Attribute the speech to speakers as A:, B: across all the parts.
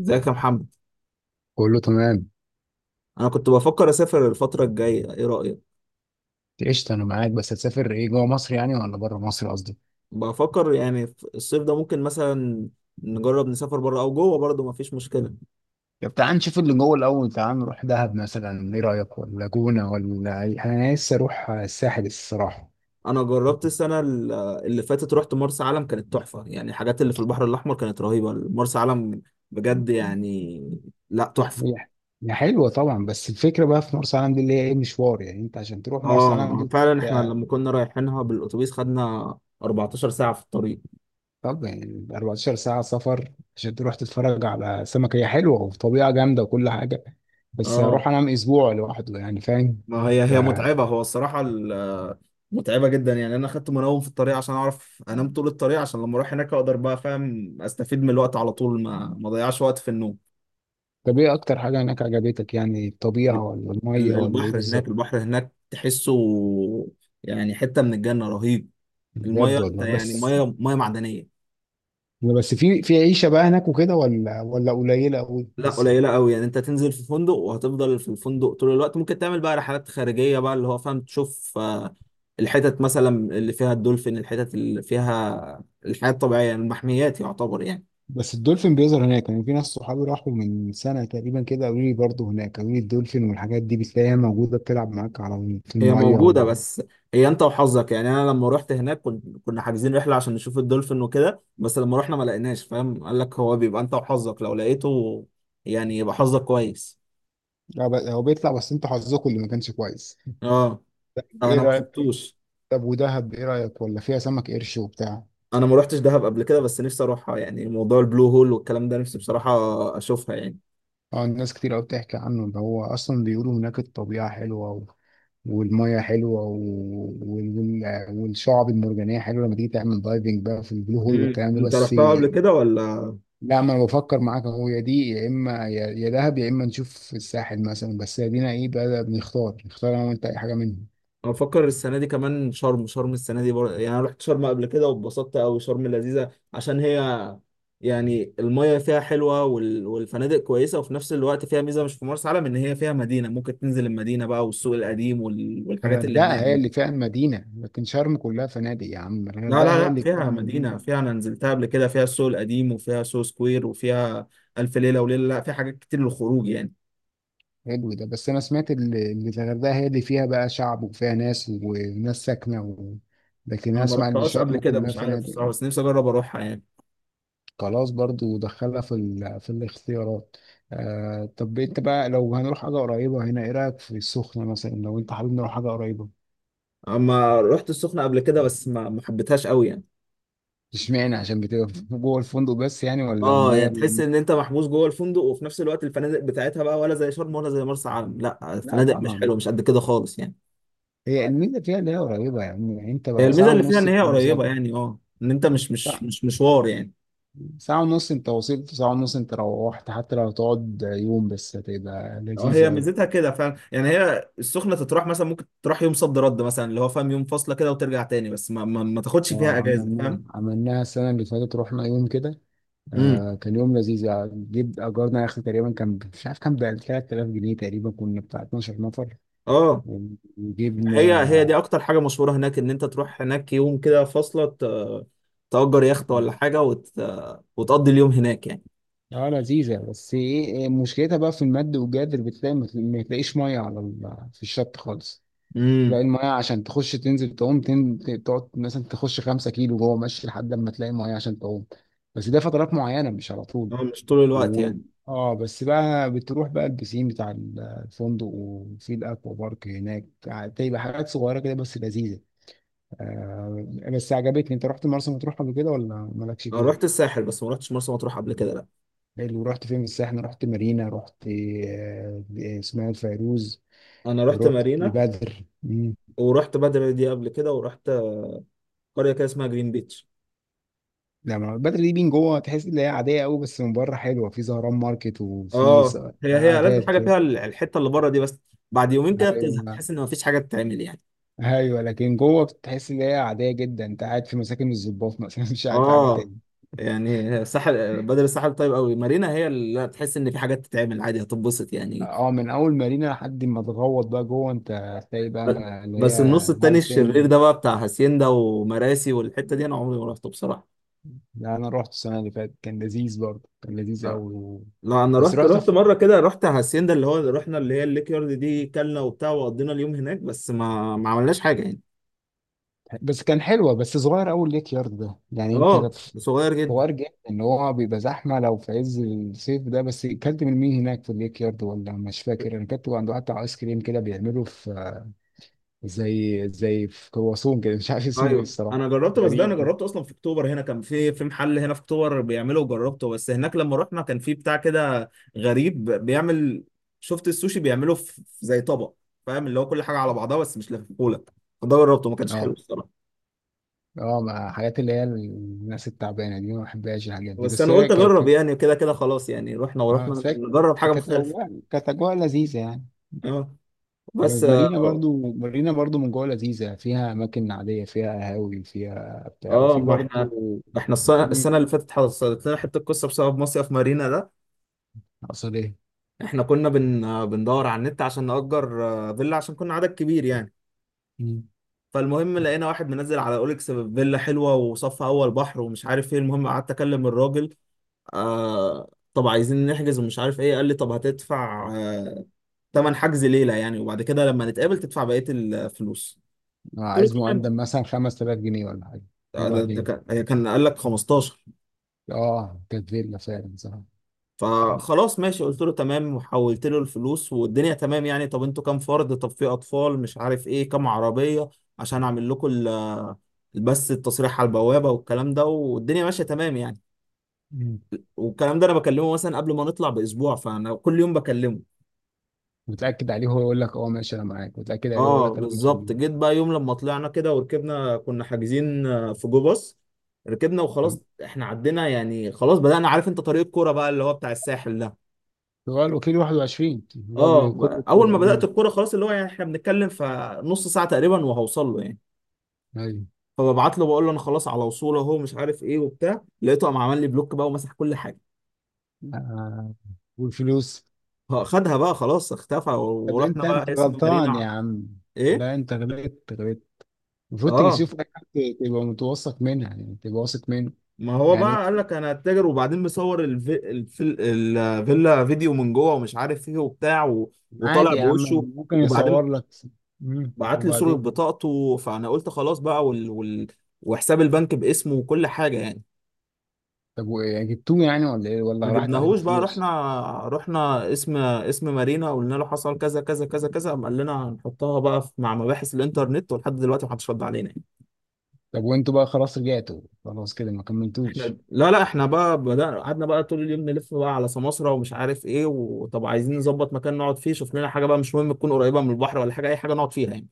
A: ازيك يا محمد؟
B: كله تمام.
A: انا كنت بفكر اسافر الفتره الجايه، ايه رايك؟
B: قشطة، أنا معاك، بس هتسافر إيه جوه مصر يعني ولا بره مصر قصدي؟
A: بفكر يعني في الصيف ده ممكن مثلا نجرب نسافر بره او جوه، برضه مفيش مشكله.
B: طب تعال نشوف اللي جوه الأول. تعال نروح دهب مثلا، إيه رأيك؟ ولا جونة ولا أنا لسه أروح الساحل الصراحة.
A: انا جربت السنه اللي فاتت، رحت مرسى علم. كانت تحفه يعني، الحاجات اللي في البحر الاحمر كانت رهيبه. مرسى علم بجد يعني. لا، تحفه.
B: هي هي حلوة طبعا، بس الفكرة بقى في مرسى علم دي اللي هي إيه، مشوار يعني أنت عشان تروح مرسى علم
A: اه
B: دي.
A: فعلا، احنا
B: بقى-
A: لما كنا رايحينها بالاتوبيس خدنا 14 ساعه في الطريق.
B: طب يعني 14 ساعة سفر عشان تروح تتفرج على سمك، هي حلوة وطبيعة جامدة وكل حاجة، بس
A: اه،
B: أروح أنام أسبوع لوحده يعني، فاهم؟
A: ما هي هي متعبه، هو الصراحه متعبه جدا يعني. انا اخدت منوم في الطريق عشان اعرف انام طول الطريق، عشان لما اروح هناك اقدر بقى فاهم استفيد من الوقت على طول ما اضيعش وقت في النوم.
B: طب ايه اكتر حاجة هناك عجبتك، يعني الطبيعة
A: ال-
B: ولا المية ولا ايه
A: البحر هناك،
B: بالظبط؟
A: البحر هناك تحسه يعني حته من الجنه، رهيب. الميه،
B: بجد
A: انت
B: والله.
A: يعني
B: بس
A: ميه ميه معدنيه.
B: بس في عيشة بقى هناك وكده ولا ولا قليلة قوي
A: لا،
B: لسه؟
A: قليله قوي يعني. انت تنزل في فندق وهتفضل في الفندق طول الوقت. ممكن تعمل بقى رحلات خارجيه بقى، اللي هو فاهم، تشوف الحتت مثلا اللي فيها الدولفين، الحتت اللي فيها الحياه الطبيعيه، المحميات يعتبر يعني.
B: بس الدولفين بيظهر هناك يعني؟ في ناس صحابي راحوا من سنة تقريبا كده، قالوا لي برضه هناك، قالوا لي الدولفين والحاجات دي بتلاقيها موجودة بتلعب معاك على في
A: هي
B: المية
A: موجودة
B: هو.
A: بس. هي انت وحظك يعني، انا لما رحت هناك كنا حاجزين رحلة عشان نشوف الدولفين وكده، بس لما رحنا ما لقيناش. فاهم؟ قال لك هو بيبقى انت وحظك، لو لقيته يعني يبقى حظك كويس.
B: لا، هو بيطلع، بس انتوا حظكم اللي ما كانش كويس.
A: اه، انا
B: ايه
A: ما
B: رأيك؟
A: شفتوش.
B: طب ودهب ايه رأيك؟ ولا فيها سمك قرش وبتاع؟
A: انا ما رحتش دهب قبل كده، بس نفسي اروحها يعني. موضوع البلو هول والكلام ده نفسي بصراحة اشوفها يعني.
B: اه الناس كتير قوي بتحكي عنه ده، هو اصلا بيقولوا هناك الطبيعة حلوة والميه حلوه والشعب المرجانيه حلوه لما تيجي تعمل دايفنج بقى في البلو هول والكلام ده.
A: انت
B: بس
A: رحتها قبل كده ولا؟
B: لا، ما انا بفكر معاك اهو، يا دي يا اما يا دهب يا اما نشوف الساحل مثلا، بس ادينا ايه بقى بنختار. نختار انا وانت اي حاجه منهم.
A: انا بفكر السنه دي كمان، شرم شرم السنه دي يعني. انا رحت شرم قبل كده واتبسطت قوي. شرم لذيذه عشان هي يعني، المية فيها حلوة والفنادق كويسة. وفي نفس الوقت فيها ميزة مش في مرسى علم، إن هي فيها مدينة. ممكن تنزل المدينة بقى، والسوق القديم والحاجات اللي
B: الغردقه
A: هناك
B: هي
A: دي.
B: اللي فيها المدينه، لكن شرم كلها فنادق يا عم.
A: لا،
B: الغردقه
A: لا،
B: هي
A: لا،
B: اللي فيها
A: فيها
B: المدينه.
A: مدينة، فيها، أنا نزلتها قبل كده. فيها السوق القديم وفيها سو سكوير وفيها ألف ليلة وليلة. لا، فيها حاجات كتير للخروج يعني.
B: حلو ده، بس انا سمعت ان الغردقه هي اللي فيها بقى شعب وفيها ناس وناس ساكنه لكن
A: أنا
B: أنا
A: ما
B: اسمع ان
A: رحتهاش قبل
B: شرم
A: كده،
B: كلها
A: مش عارف الصراحة،
B: فنادق.
A: بس نفسي أجرب أروحها يعني.
B: خلاص برضو دخلها في في الاختيارات. آه طب انت بقى لو هنروح حاجة قريبة هنا، ايه رأيك في السخنة مثلا لو انت حابب نروح حاجة قريبة؟
A: أما رحت السخنة قبل كده بس ما حبيتهاش قوي يعني.
B: اشمعنى، عشان بتبقى جوه الفندق بس يعني؟ ولا
A: اه،
B: المية
A: يعني تحس ان انت محبوس جوه الفندق، وفي نفس الوقت الفنادق بتاعتها بقى ولا زي شرم ولا زي مرسى علم. لا،
B: لا
A: الفنادق مش
B: طبعا.
A: حلوه، مش قد كده خالص يعني.
B: هي الميزة فيها اللي هي قريبة، يعني انت
A: هي
B: بقى
A: الميزه
B: ساعة
A: اللي فيها
B: ونص
A: ان هي قريبه يعني. اه، ان انت مش مش
B: ساعة.
A: مش مشوار يعني.
B: ساعة ونص انت وصلت، ساعة ونص انت روحت، حتى لو هتقعد يوم بس هتبقى
A: اه،
B: لذيذة
A: هي
B: أوي.
A: ميزتها كده فعلا يعني. هي السخنه تتراح مثلا، ممكن تروح يوم صد رد مثلا اللي هو فاهم، يوم فاصله كده وترجع تاني، بس ما تاخدش فيها اجازه،
B: عملناها
A: فاهم؟
B: عملناها السنة اللي فاتت، رحنا يوم كده.
A: امم
B: آه كان يوم لذيذ يعني. جيب اجرنا يا اخي، تقريبا كان مش عارف، كان ب 3000 ج تقريبا، كنا بتاع 12 نفر
A: اه،
B: وجبنا.
A: هي هي دي اكتر حاجه مشهوره هناك، ان انت تروح هناك يوم كده فاصله، تأجر يخت
B: اه
A: ولا حاجه وتقضي اليوم هناك يعني.
B: لذيذه، بس ايه إيه مشكلتها بقى في المد والجزر، بتلاقي ما تلاقيش ميه على في الشط خالص. تلاقي
A: امم
B: الميه عشان تخش تنزل تعوم تقعد مثلا تخش 5 كيلو جوه ماشي لحد لما تلاقي ميه عشان تعوم. بس ده فترات معينه، مش على طول.
A: اه، مش طول الوقت
B: و...
A: يعني.
B: اه بس بقى بتروح بقى البسين بتاع الفندق، وفي الاكوا بارك هناك بتبقى حاجات صغيره كده بس لذيذه. آه بس عجبتني. انت رحت مرسى مطروح قبل كده ولا مالكش
A: انا رحت
B: فيه؟
A: الساحل بس ما رحتش مرسى مطروح قبل كده، لا.
B: حلو، رحت فين في الساحل؟ رحت مارينا؟ رحت آه اسماعيل فيروز؟
A: انا رحت
B: رحت
A: مارينا،
B: بدر؟ مم.
A: ورحت بدر دي قبل كده، ورحت قريه كده اسمها جرين بيتش.
B: لا، ما بدر دي بين جوه تحس ان هي عاديه قوي، بس من بره حلوه، في زهران ماركت وفي
A: اه، هي هي لازم
B: قعدات
A: حاجه
B: كده.
A: فيها الحته اللي بره دي، بس بعد يومين كده بتزهق،
B: ايوه.
A: تحس ان مفيش حاجه تتعمل يعني.
B: ايوه لكن جوه بتحس ان هي عاديه جدا، انت قاعد في مساكن الضباط مثلا، مش قاعد في حاجه
A: اه،
B: تاني.
A: يعني الساحل بدر الساحل طيب قوي. مارينا هي اللي تحس ان في حاجات تتعمل عادي، هتتبسط يعني.
B: اه من اول مارينا لحد ما تغوط بقى جوه، انت هتلاقي بقى
A: ب-
B: اللي هي
A: بس النص التاني
B: هاي سين
A: الشرير
B: ده.
A: ده بقى، بتاع هاسيندا ومراسي والحته دي، انا عمري ما رحته بصراحه.
B: ده انا رحت السنه اللي فاتت، كان لذيذ برضه، كان لذيذ قوي
A: لا، انا
B: بس
A: رحت
B: رحت
A: رحت مره كده، رحت هاسيندا اللي هو رحنا، اللي هي الليك يارد دي، كلنا وبتاع، وقضينا اليوم هناك، بس ما عملناش حاجه يعني.
B: بس كان حلوه، بس صغير قوي ليك يارد ده، يعني انت لو
A: اه، صغير جدا.
B: صغير جدا ان هو بيبقى زحمه لو في عز الصيف ده. بس اكلت من مين هناك في الليك يارد ولا مش فاكر؟ انا كنت عند واحد بتاع ايس كريم كده بيعمله في زي في كرواسون كده، مش عارف اسمه ايه
A: ايوه،
B: الصراحه.
A: انا جربت، بس ده انا
B: غريب كده.
A: جربته اصلا في اكتوبر هنا، كان في محل هنا في اكتوبر بيعمله وجربته، بس هناك لما رحنا كان في بتاع كده غريب بيعمل. شفت السوشي بيعمله في زي طبق، فاهم، اللي هو كل حاجه على بعضها بس مش لفيفولك، ده جربته ما كانش حلو
B: اه.
A: الصراحه.
B: اه مع حاجات اللي هي الناس التعبانه دي، ما بحبهاش الحاجات دي
A: بس
B: بس
A: انا
B: هي
A: قلت
B: كانت.
A: اجرب يعني كده كده، خلاص يعني، رحنا
B: اه
A: ورحنا
B: سك
A: نجرب حاجه
B: كانت
A: مختلفه.
B: اجواء، كانت اجواء لذيذه يعني.
A: اه، بس
B: مارينا برضو، مارينا برضو من جوه لذيذه، فيها اماكن عاديه، فيها قهاوي، فيها بتاع،
A: اه،
B: وفي
A: ما احنا،
B: برضو.
A: ده احنا
B: مم.
A: السنه اللي فاتت حصلت لنا حته قصه بسبب مصيف مارينا ده.
B: اقصد ايه؟
A: احنا كنا بن آه، بندور على النت عشان نأجر فيلا، عشان كنا عدد كبير يعني.
B: مم.
A: فالمهم لقينا واحد منزل على اوليكس فيلا حلوه، وصف اول بحر ومش عارف ايه، المهم قعدت اكلم الراجل. طب عايزين نحجز ومش عارف ايه، قال لي طب هتدفع تمن حجز ليله يعني، وبعد كده لما نتقابل تدفع بقيه الفلوس. قلت
B: عايز
A: له تمام.
B: مقدم مثلا 5000 ج ولا حاجه؟
A: ده
B: وبعدين؟
A: كان هي كان قال لك 15.
B: اه كانت فيلا فعلا. صراحه.
A: فخلاص ماشي، قلت له تمام وحولت له الفلوس والدنيا تمام يعني، طب انتوا كام فرد، طب في اطفال مش عارف ايه، كام عربية عشان اعمل لكم بس التصريح على البوابة والكلام ده، والدنيا ماشية تمام يعني. والكلام ده، انا بكلمه مثلا قبل ما نطلع باسبوع، فانا كل يوم بكلمه.
B: وتتاكد عليه هو يقول لك اه ماشي انا معاك، وتتاكد عليه ويقول
A: اه،
B: لك انا مش
A: بالظبط.
B: مين.
A: جيت بقى يوم لما طلعنا كده وركبنا، كنا حاجزين في جو باص. ركبنا
B: تمام.
A: وخلاص، احنا عدينا يعني، خلاص بدأنا، عارف انت طريق الكوره بقى اللي هو بتاع الساحل ده.
B: اللي هو الوكيل 21 اللي هو
A: اه،
B: بكل
A: اول
B: الكوره.
A: ما بدات
B: مم.
A: الكوره خلاص، اللي هو يعني احنا بنتكلم في نص ساعه تقريبا وهوصل له يعني.
B: ايوه.
A: فببعت له بقول له انا خلاص على وصول اهو، مش عارف ايه وبتاع، لقيته قام عمل لي بلوك بقى ومسح كل حاجه.
B: آه. والفلوس؟
A: اه، خدها بقى خلاص، اختفى
B: طب
A: ورحنا
B: انت انت
A: بقى اسم مارينا
B: غلطان يا عم.
A: ايه.
B: لا انت غلطت. غلطت المفروض تيجي
A: اه،
B: تشوف اي حد، تبقى متوثق منها يعني، تبقى واثق منه.
A: ما هو
B: يعني
A: بقى قال لك انا هتاجر، وبعدين مصور الفيلا فيديو من جوه ومش عارف ايه وبتاع وطالع
B: عادي يا عم،
A: بوشه.
B: ممكن
A: وبعدين
B: يصور لك. مم.
A: بعت لي صوره
B: وبعدين؟
A: بطاقته، فانا قلت خلاص بقى، وحساب البنك باسمه وكل حاجه يعني.
B: طب وايه، جبتوه يعني ولا ايه
A: ما
B: ولا راحت عليك
A: جبناهوش بقى،
B: الفلوس؟
A: رحنا، رحنا اسم مارينا قلنا له حصل كذا كذا كذا كذا، قام قال لنا هنحطها بقى مع مباحث الانترنت، ولحد دلوقتي محدش رد علينا يعني.
B: طب وانتوا بقى خلاص رجعتوا خلاص كده ما كملتوش؟
A: لا، لا، احنا بقى بدأنا، قعدنا بقى طول اليوم نلف بقى على سماسرة ومش عارف ايه، وطب عايزين نظبط مكان نقعد فيه، شوف لنا حاجة بقى، مش مهم تكون قريبة من البحر ولا حاجة، اي حاجة نقعد فيها يعني،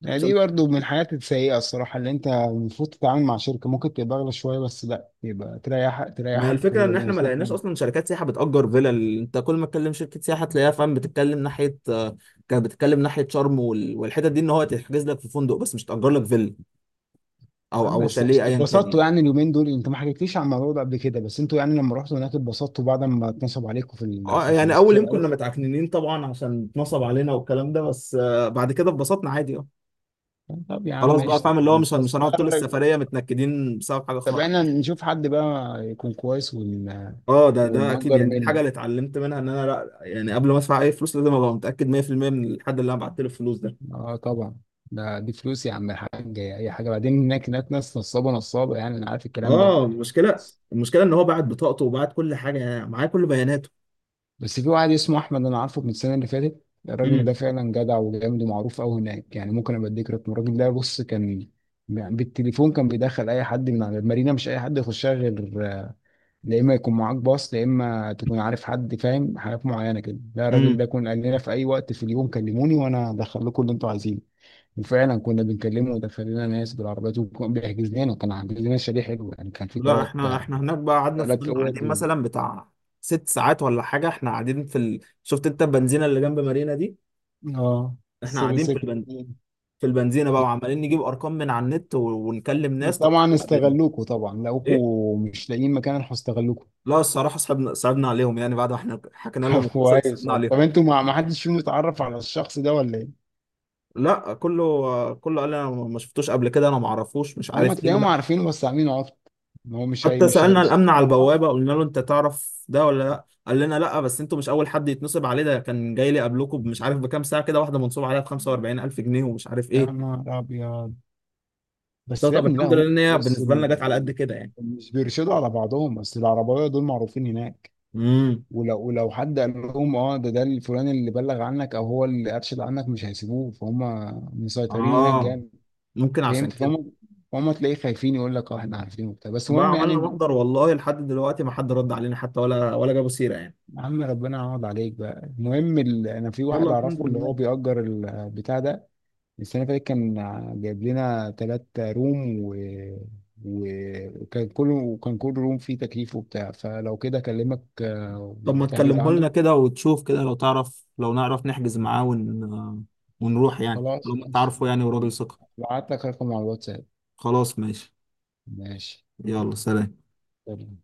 B: يعني
A: عشان
B: دي برضو من الحاجات السيئة الصراحة، اللي انت المفروض تتعامل مع شركة ممكن تبقى اغلى شوية، بس لا يبقى تريحك.
A: ما هي
B: تريحك
A: الفكرة
B: وتبقى
A: ان احنا ما
B: مبسوط
A: لقيناش
B: منه.
A: اصلا شركات سياحة بتأجر فيلل. انت كل ما تكلم شركة سياحة تلاقيها فاهم بتتكلم ناحية كانت بتتكلم ناحية شرم والحتت دي، ان هو تحجز لك في فندق بس مش تأجر لك فيلا
B: يا
A: او
B: عم
A: او
B: بس
A: شاليه
B: قشطة،
A: ايا كان
B: اتبسطتوا
A: يعني.
B: يعني اليومين دول؟ انت ما حكيتليش عن الموضوع ده قبل كده، بس انتوا يعني لما رحتوا هناك اتبسطتوا بعد ما اتنصب عليكم في ال في
A: اه،
B: ال
A: يعني اول يوم كنا
B: 15000؟
A: متعكننين طبعا عشان اتنصب علينا والكلام ده، بس بعد كده اتبسطنا عادي، اه.
B: طب يا عم
A: خلاص بقى
B: قشطة.
A: فاهم اللي هو مش
B: بس
A: هنقعد
B: بقى
A: طول
B: الرج-
A: السفريه متنكدين بسبب حاجه
B: طب احنا
A: خاطئه.
B: نشوف حد بقى يكون كويس
A: اه، ده اكيد
B: ونأجر
A: يعني، دي الحاجه
B: منه.
A: اللي اتعلمت منها، ان انا لا يعني قبل ما ادفع اي فلوس لازم ابقى متاكد 100% من الحد اللي انا بعت له الفلوس ده.
B: اه طبعا. ده دي فلوس يا عم الحاج، اي حاجة بعدين. هناك ناس نصابة، نصابة يعني، انا عارف الكلام ده.
A: اه، المشكله المشكله ان هو بعت بطاقته وبعت كل حاجه يعني، معاه كل بياناته.
B: بس في واحد اسمه احمد انا عارفه من السنه اللي فاتت، الراجل ده
A: امم
B: فعلا جدع وجامد ومعروف قوي هناك يعني، ممكن ابقى اديك رقم الراجل ده. بص كان يعني بالتليفون كان بيدخل اي حد من على المارينا، مش اي حد يخشها غير لا اما يكون معاك باص، لا اما تكون عارف حد، فاهم؟ حاجات معينه كده. لا الراجل ده
A: امم
B: كان قال لنا في اي وقت في اليوم كلموني وانا هدخل لكم اللي انتوا عايزينه. وفعلا كنا بنكلمه ودخل لنا ناس بالعربيات، وكان بيحجز لنا، كان عامل لنا شاليه حلو يعني، كان في
A: لا،
B: ثلاث،
A: احنا هناك بقى قعدنا،
B: ثلاث
A: فضلنا
B: اوض
A: قاعدين مثلا بتاع ست ساعات ولا حاجه، احنا قاعدين. شفت انت البنزينه اللي جنب مارينا دي،
B: اه
A: احنا
B: سري
A: قاعدين
B: سكت.
A: في البنزينه بقى، وعمالين نجيب ارقام من على النت ونكلم ناس، طب
B: طبعا
A: تعالى قابلنا
B: استغلوكوا، طبعا
A: ايه.
B: لقوكوا مش لاقيين مكان راحوا استغلوكوا.
A: لا، الصراحه صعبنا صعبنا عليهم يعني، بعد ما احنا حكينا لهم
B: طب
A: القصه دي
B: كويس
A: صعبنا
B: والله.
A: عليهم.
B: طب انتوا ما حدش فيهم اتعرف على الشخص ده ولا ايه؟
A: لا، كله كله قال لي انا ما شفتوش قبل كده، انا ما اعرفوش، مش
B: هم
A: عارف ايه،
B: تلاقيهم
A: لا.
B: عارفينه بس عاملين عبط، ان هو مش هي
A: حتى
B: مش
A: سألنا
B: هيسيب
A: الأمن على
B: على بعض.
A: البوابة قلنا له: أنت تعرف ده ولا لأ؟ قال لنا لأ، بس أنتوا مش أول حد يتنصب عليه، ده كان جاي لي قبلكم مش عارف بكام ساعة كده، واحدة منصوب عليها ب 45000 جنيه ومش عارف
B: يا
A: إيه.
B: نهار ابيض.
A: قلت له
B: بس يا
A: طب
B: ابني لا
A: الحمد لله
B: هم
A: إن هي
B: بص
A: بالنسبة لنا جت على قد كده يعني.
B: مش بيرشدوا على بعضهم، بس العرباويه دول معروفين هناك،
A: امم
B: ولو ولو حد قال لهم اه ده ده الفلان اللي بلغ عنك او هو اللي ارشد عنك، مش هيسيبوه، فهم مسيطرين هناك
A: آه
B: جامد.
A: ممكن عشان
B: فهمت
A: كده.
B: فهم. فهم تلاقيه خايفين يقول لك اه احنا عارفين وبتاع، بس
A: بقى
B: المهم يعني
A: عملنا محضر، والله لحد دلوقتي ما حد رد علينا، حتى ولا جابوا سيرة يعني.
B: يا عم ربنا يعوض عليك بقى. المهم انا في
A: يلا
B: واحد
A: الحمد
B: اعرفه اللي هو
A: لله.
B: بيأجر البتاع ده، السنه اللي فاتت كان جايب لنا ثلاث روم و... وكان كل روم فيه تكييف وبتاع، فلو كده اكلمك
A: طب ما
B: وتحجز
A: تكلمه
B: عنده.
A: لنا كده وتشوف كده، لو تعرف، لو نعرف نحجز معاه ونروح يعني، لو
B: خلاص
A: أنت
B: ماشي.
A: عارفه يعني وراجل ثقة.
B: بعت لك رقم على الواتساب.
A: خلاص ماشي.
B: ماشي.
A: يلا، سلام.
B: سلام.